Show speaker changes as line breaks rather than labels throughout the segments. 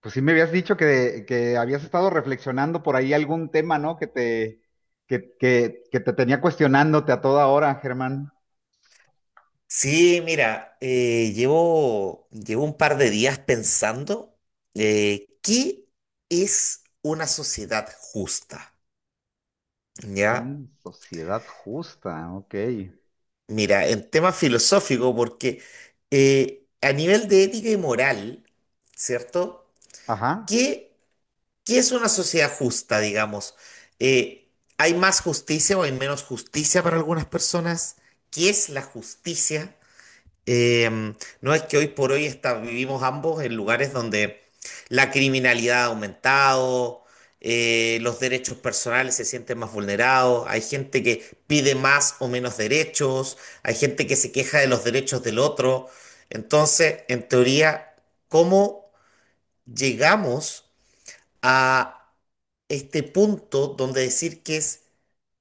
Pues sí me habías dicho que habías estado reflexionando por ahí algún tema, ¿no? Que te tenía cuestionándote a toda hora, Germán.
Sí, mira, llevo un par de días pensando qué es una sociedad justa, ¿ya?
Mm, sociedad justa, ok.
Mira, en tema filosófico, porque a nivel de ética y moral, ¿cierto?
Ajá,
¿Qué, ¿qué es una sociedad justa, digamos? Eh, ¿Hay más justicia o hay menos justicia para algunas personas? ¿Qué es la justicia? Eh, no es que hoy por hoy está- vivimos ambos en lugares donde la criminalidad ha aumentado, los derechos personales se sienten más vulnerados, hay gente que pide más o menos derechos, hay gente que se queja de los derechos del otro. Entonces, en teoría, ¿cómo llegamos a este punto donde decir que es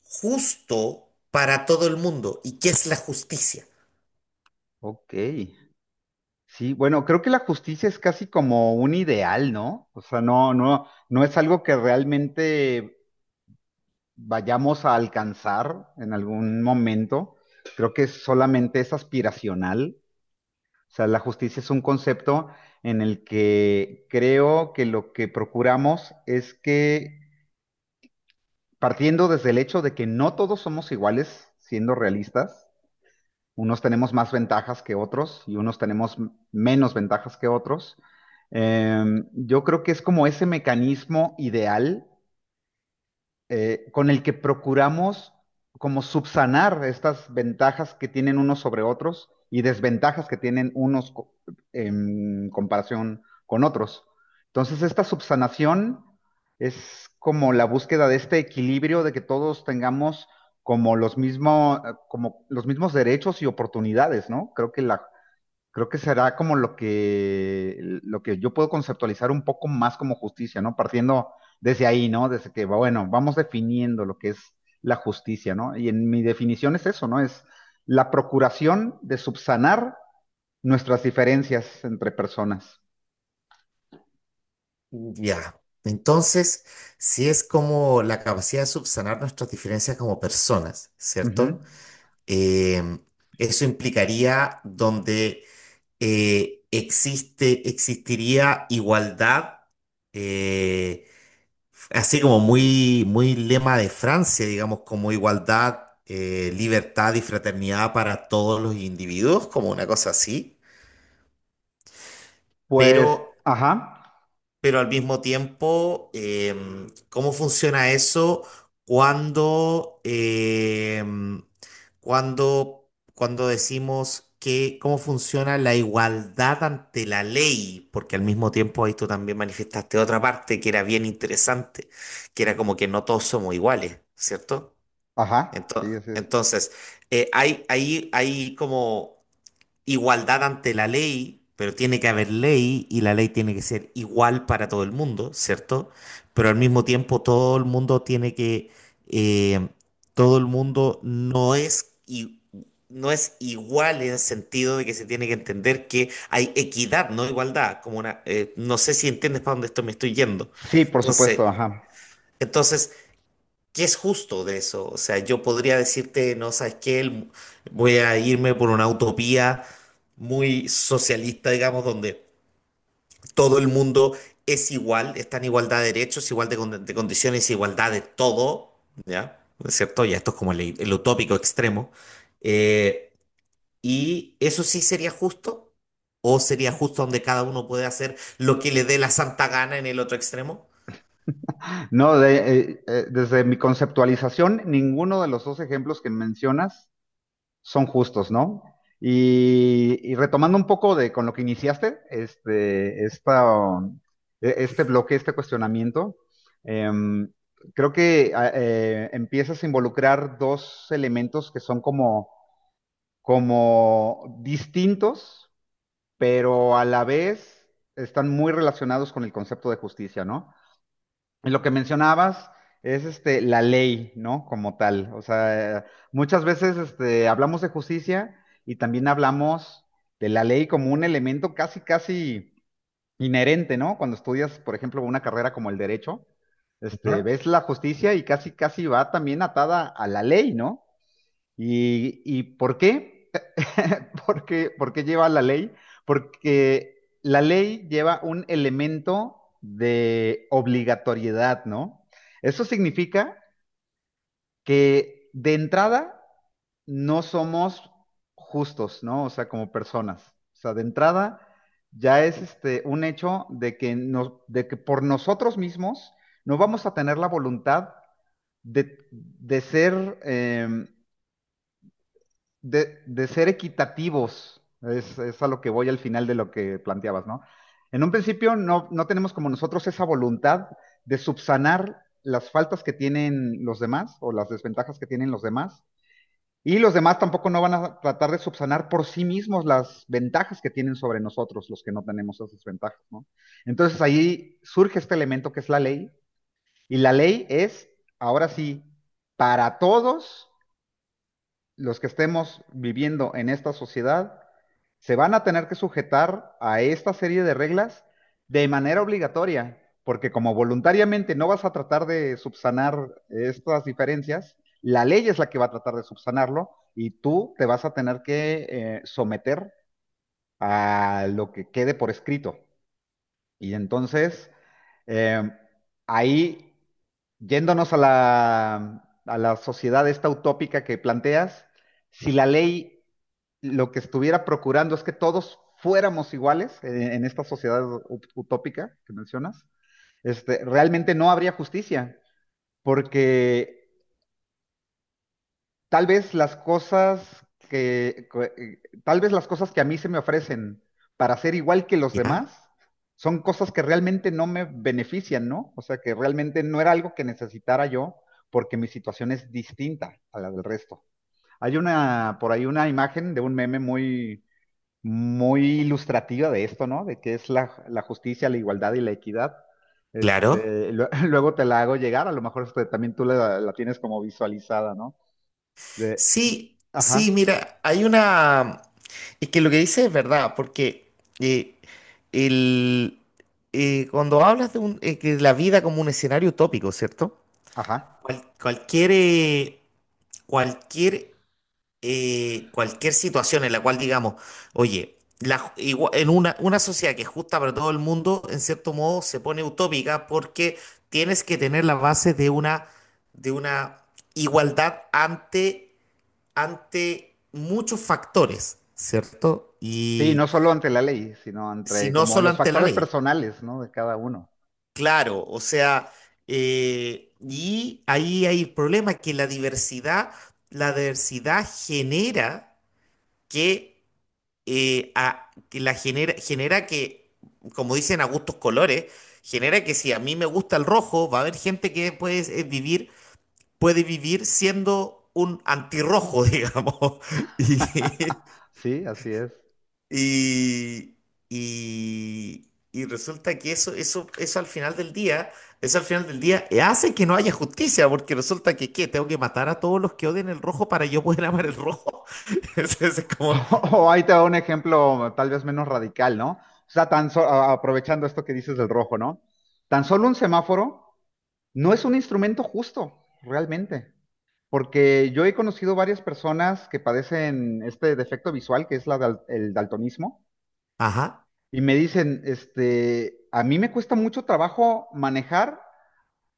justo para todo el mundo y qué es la justicia?
ok. Sí, bueno, creo que la justicia es casi como un ideal, ¿no? O sea, no es algo que realmente vayamos a alcanzar en algún momento. Creo que solamente es aspiracional. O sea, la justicia es un concepto en el que creo que lo que procuramos es que, partiendo desde el hecho de que no todos somos iguales, siendo realistas, unos tenemos más ventajas que otros y unos tenemos menos ventajas que otros, eh, yo creo que es como ese mecanismo ideal con el que procuramos como subsanar estas ventajas que tienen unos sobre otros y desventajas que tienen en comparación con otros. Entonces, esta subsanación es como la búsqueda de este equilibrio de que todos tengamos como los mismos, como los mismos derechos y oportunidades, ¿no? Creo que será como lo que yo puedo conceptualizar un poco más como justicia, ¿no? Partiendo desde ahí, ¿no? Desde que, bueno, vamos definiendo lo que es la justicia, ¿no? Y en mi definición es eso, ¿no? Es la procuración de subsanar nuestras diferencias entre personas.
Ya. Entonces, si es como la capacidad de subsanar nuestras diferencias como personas,
Ujú.
¿cierto? Em, eso implicaría donde existiría igualdad, eh, así como muy lema de Francia, digamos, como igualdad, libertad y fraternidad para todos los individuos, como una cosa así,
Pues,
pero
ajá,
pero al mismo tiempo, ¿cómo funciona eso cuando, cuando decimos que cómo funciona la igualdad ante la ley? Porque al mismo tiempo ahí tú también manifestaste otra parte que era bien interesante, que era como que no todos somos iguales, ¿cierto?
ajá, sí, así es.
Entonces, hay como igualdad ante la ley, pero tiene que haber ley y la ley tiene que ser igual para todo el mundo, ¿cierto? Pero al mismo tiempo todo el mundo tiene que, eh, todo el mundo no es igual en el sentido de que se tiene que entender que hay equidad, no igualdad, como una, no sé si entiendes para dónde esto me estoy yendo.
Sí, por
Entonces,
supuesto, ajá.
entonces ¿qué es justo de eso? O sea, yo podría decirte, no sabes qué, voy a irme por una utopía muy socialista, digamos, donde todo el mundo es igual, está en igualdad de derechos, igual de, de condiciones, igualdad de todo, ¿ya? ¿No es cierto? Ya esto es como el utópico extremo. Eh, ¿Y eso sí sería justo? ¿O sería justo donde cada uno puede hacer lo que le dé la santa gana en el otro extremo?
No, de- Desde mi conceptualización, ninguno de los dos ejemplos que mencionas son justos, ¿no? Y retomando un poco de con lo que iniciaste, este bloque, este cuestionamiento, eh, creo que empiezas a involucrar dos elementos que son como, como distintos, pero a la vez están muy relacionados con el concepto de justicia, ¿no? Y lo que mencionabas es este, la ley, ¿no? Como tal. O sea, muchas veces este, hablamos de justicia y también hablamos de la ley como un elemento casi, casi inherente, ¿no? Cuando estudias, por ejemplo, una carrera como el derecho, este,
Ajá.
ves la justicia y casi, casi va también atada a la ley, ¿no? Y por qué? Porque, ¿por qué lleva la ley? Porque la ley lleva un elemento de obligatoriedad, ¿no? Eso significa que de entrada no somos justos, ¿no? O sea, como personas. O sea, de entrada ya es este un hecho de que de que por nosotros mismos no vamos a tener la voluntad de ser de ser equitativos, es a lo que voy al final de lo que planteabas, ¿no? En un principio no tenemos como nosotros esa voluntad de subsanar las faltas que tienen los demás o las desventajas que tienen los demás. Y los demás tampoco no van a tratar de subsanar por sí mismos las ventajas que tienen sobre nosotros, los que no tenemos esas ventajas, ¿no? Entonces ahí surge este elemento que es la ley, y la ley es, ahora sí, para todos los que estemos viviendo en esta sociedad se van a tener que sujetar a esta serie de reglas de manera obligatoria, porque como voluntariamente no vas a tratar de subsanar estas diferencias, la ley es la que va a tratar de subsanarlo y tú te vas a tener que someter a lo que quede por escrito. Y entonces, eh, ahí yéndonos a a la sociedad esta utópica que planteas, si la ley lo que estuviera procurando es que todos fuéramos iguales en esta sociedad utópica que mencionas, este, realmente no habría justicia, porque tal vez las cosas tal vez las cosas que a mí se me ofrecen para ser igual que los
¿Ya?
demás son cosas que realmente no me benefician, ¿no? O sea, que realmente no era algo que necesitara yo porque mi situación es distinta a la del resto. Hay una, por ahí una imagen de un meme muy, muy ilustrativa de esto, ¿no? De qué es la justicia, la igualdad y la equidad.
Claro.
Este, luego te la hago llegar, a lo mejor este, también tú la tienes como visualizada, ¿no? de,
Sí, sí,
Ajá,
mira, hay una... Es que lo que dices es verdad, porque eh, el, cuando hablas de, que la vida como un escenario utópico, ¿cierto?
ajá.
Cualquier, cualquier, cualquier situación en la cual digamos, oye, en una sociedad que es justa para todo el mundo, en cierto modo se pone utópica porque tienes que tener la base de una igualdad ante ante muchos factores, ¿cierto?
Sí, no
Y
solo ante la ley, sino
si
entre
no
como
solo
los
ante la
factores
ley,
personales, ¿no? De cada uno.
claro, o sea, y ahí hay el problema que la diversidad genera que, genera que, como dicen a gustos colores, genera que si a mí me gusta el rojo, va a haber gente que puede vivir, puede vivir siendo un antirrojo, digamos. Y,
Sí, así es.
Y, y resulta que eso, eso al final del día, eso al final del día hace que no haya justicia, porque resulta que, ¿qué? Tengo que matar a todos los que odien el rojo para yo poder amar el rojo. Es como,
O ahí te da un ejemplo tal vez menos radical, ¿no? O sea, aprovechando esto que dices del rojo, ¿no? Tan solo un semáforo no es un instrumento justo, realmente, porque yo he conocido varias personas que padecen este defecto visual, que es el daltonismo,
ajá.
y me dicen, este, a mí me cuesta mucho trabajo manejar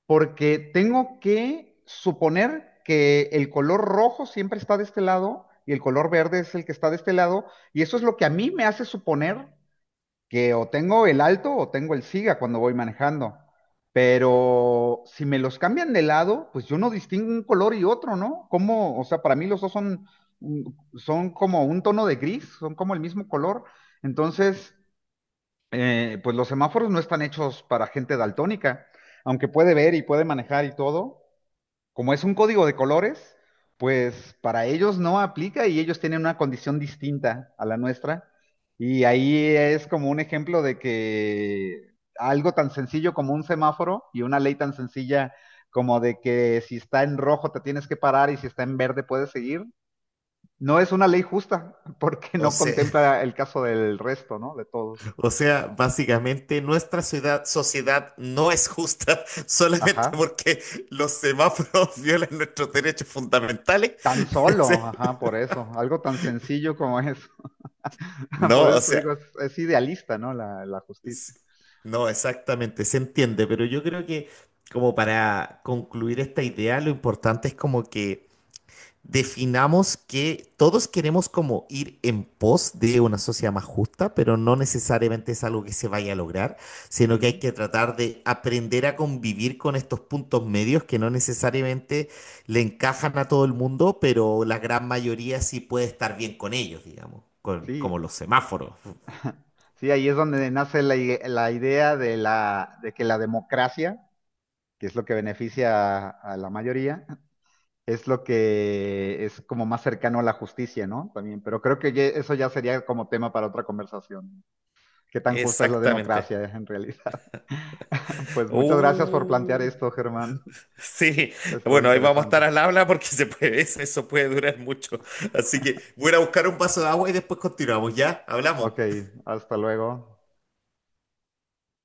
porque tengo que suponer que el color rojo siempre está de este lado y el color verde es el que está de este lado. Y eso es lo que a mí me hace suponer que o tengo el alto o tengo el siga cuando voy manejando. Pero si me los cambian de lado, pues yo no distingo un color y otro, ¿no? Como, o sea, para mí los dos son, mm, son como un tono de gris, son como el mismo color. Entonces, pues los semáforos no están hechos para gente daltónica, aunque puede ver y puede manejar y todo, como es un código de colores, pues para ellos no aplica y ellos tienen una condición distinta a la nuestra. Y ahí es como un ejemplo de que algo tan sencillo como un semáforo y una ley tan sencilla como de que si está en rojo te tienes que parar y si está en verde puedes seguir, no es una ley justa porque
O
no
sea,
contempla el caso del resto, ¿no? De todos.
o sea, básicamente sociedad no es justa
Ajá.
solamente porque los semáforos violan nuestros derechos fundamentales.
Tan
O sea,
solo, ajá, por eso, algo tan sencillo como eso. Por
no, o
eso te
sea,
digo, es idealista, ¿no? La justicia.
S- no, exactamente, se entiende, pero yo creo que como para concluir esta idea, lo importante es como que definamos que todos queremos como ir en pos de una sociedad más justa, pero no necesariamente es algo que se vaya a lograr, sino que hay
Ujú.
que tratar de aprender a convivir con estos puntos medios que no necesariamente le encajan a todo el mundo, pero la gran mayoría sí puede estar bien con ellos, digamos, con,
Sí,
como los semáforos.
sí, ahí es donde nace la idea de la, de que la democracia, que es lo que beneficia a la mayoría, es lo que es como más cercano a la justicia, ¿no? También, pero creo que eso ya sería como tema para otra conversación. ¿Qué tan justa es la
Exactamente.
democracia en realidad? Pues muchas gracias por plantear
Uh,
esto, Germán.
sí,
Estuvo
bueno, ahí vamos a
interesante.
estar al habla porque se puede, eso puede durar mucho. Así que voy a ir a buscar un vaso de agua y después continuamos, ¿ya?
Ok,
Hablamos.
hasta luego.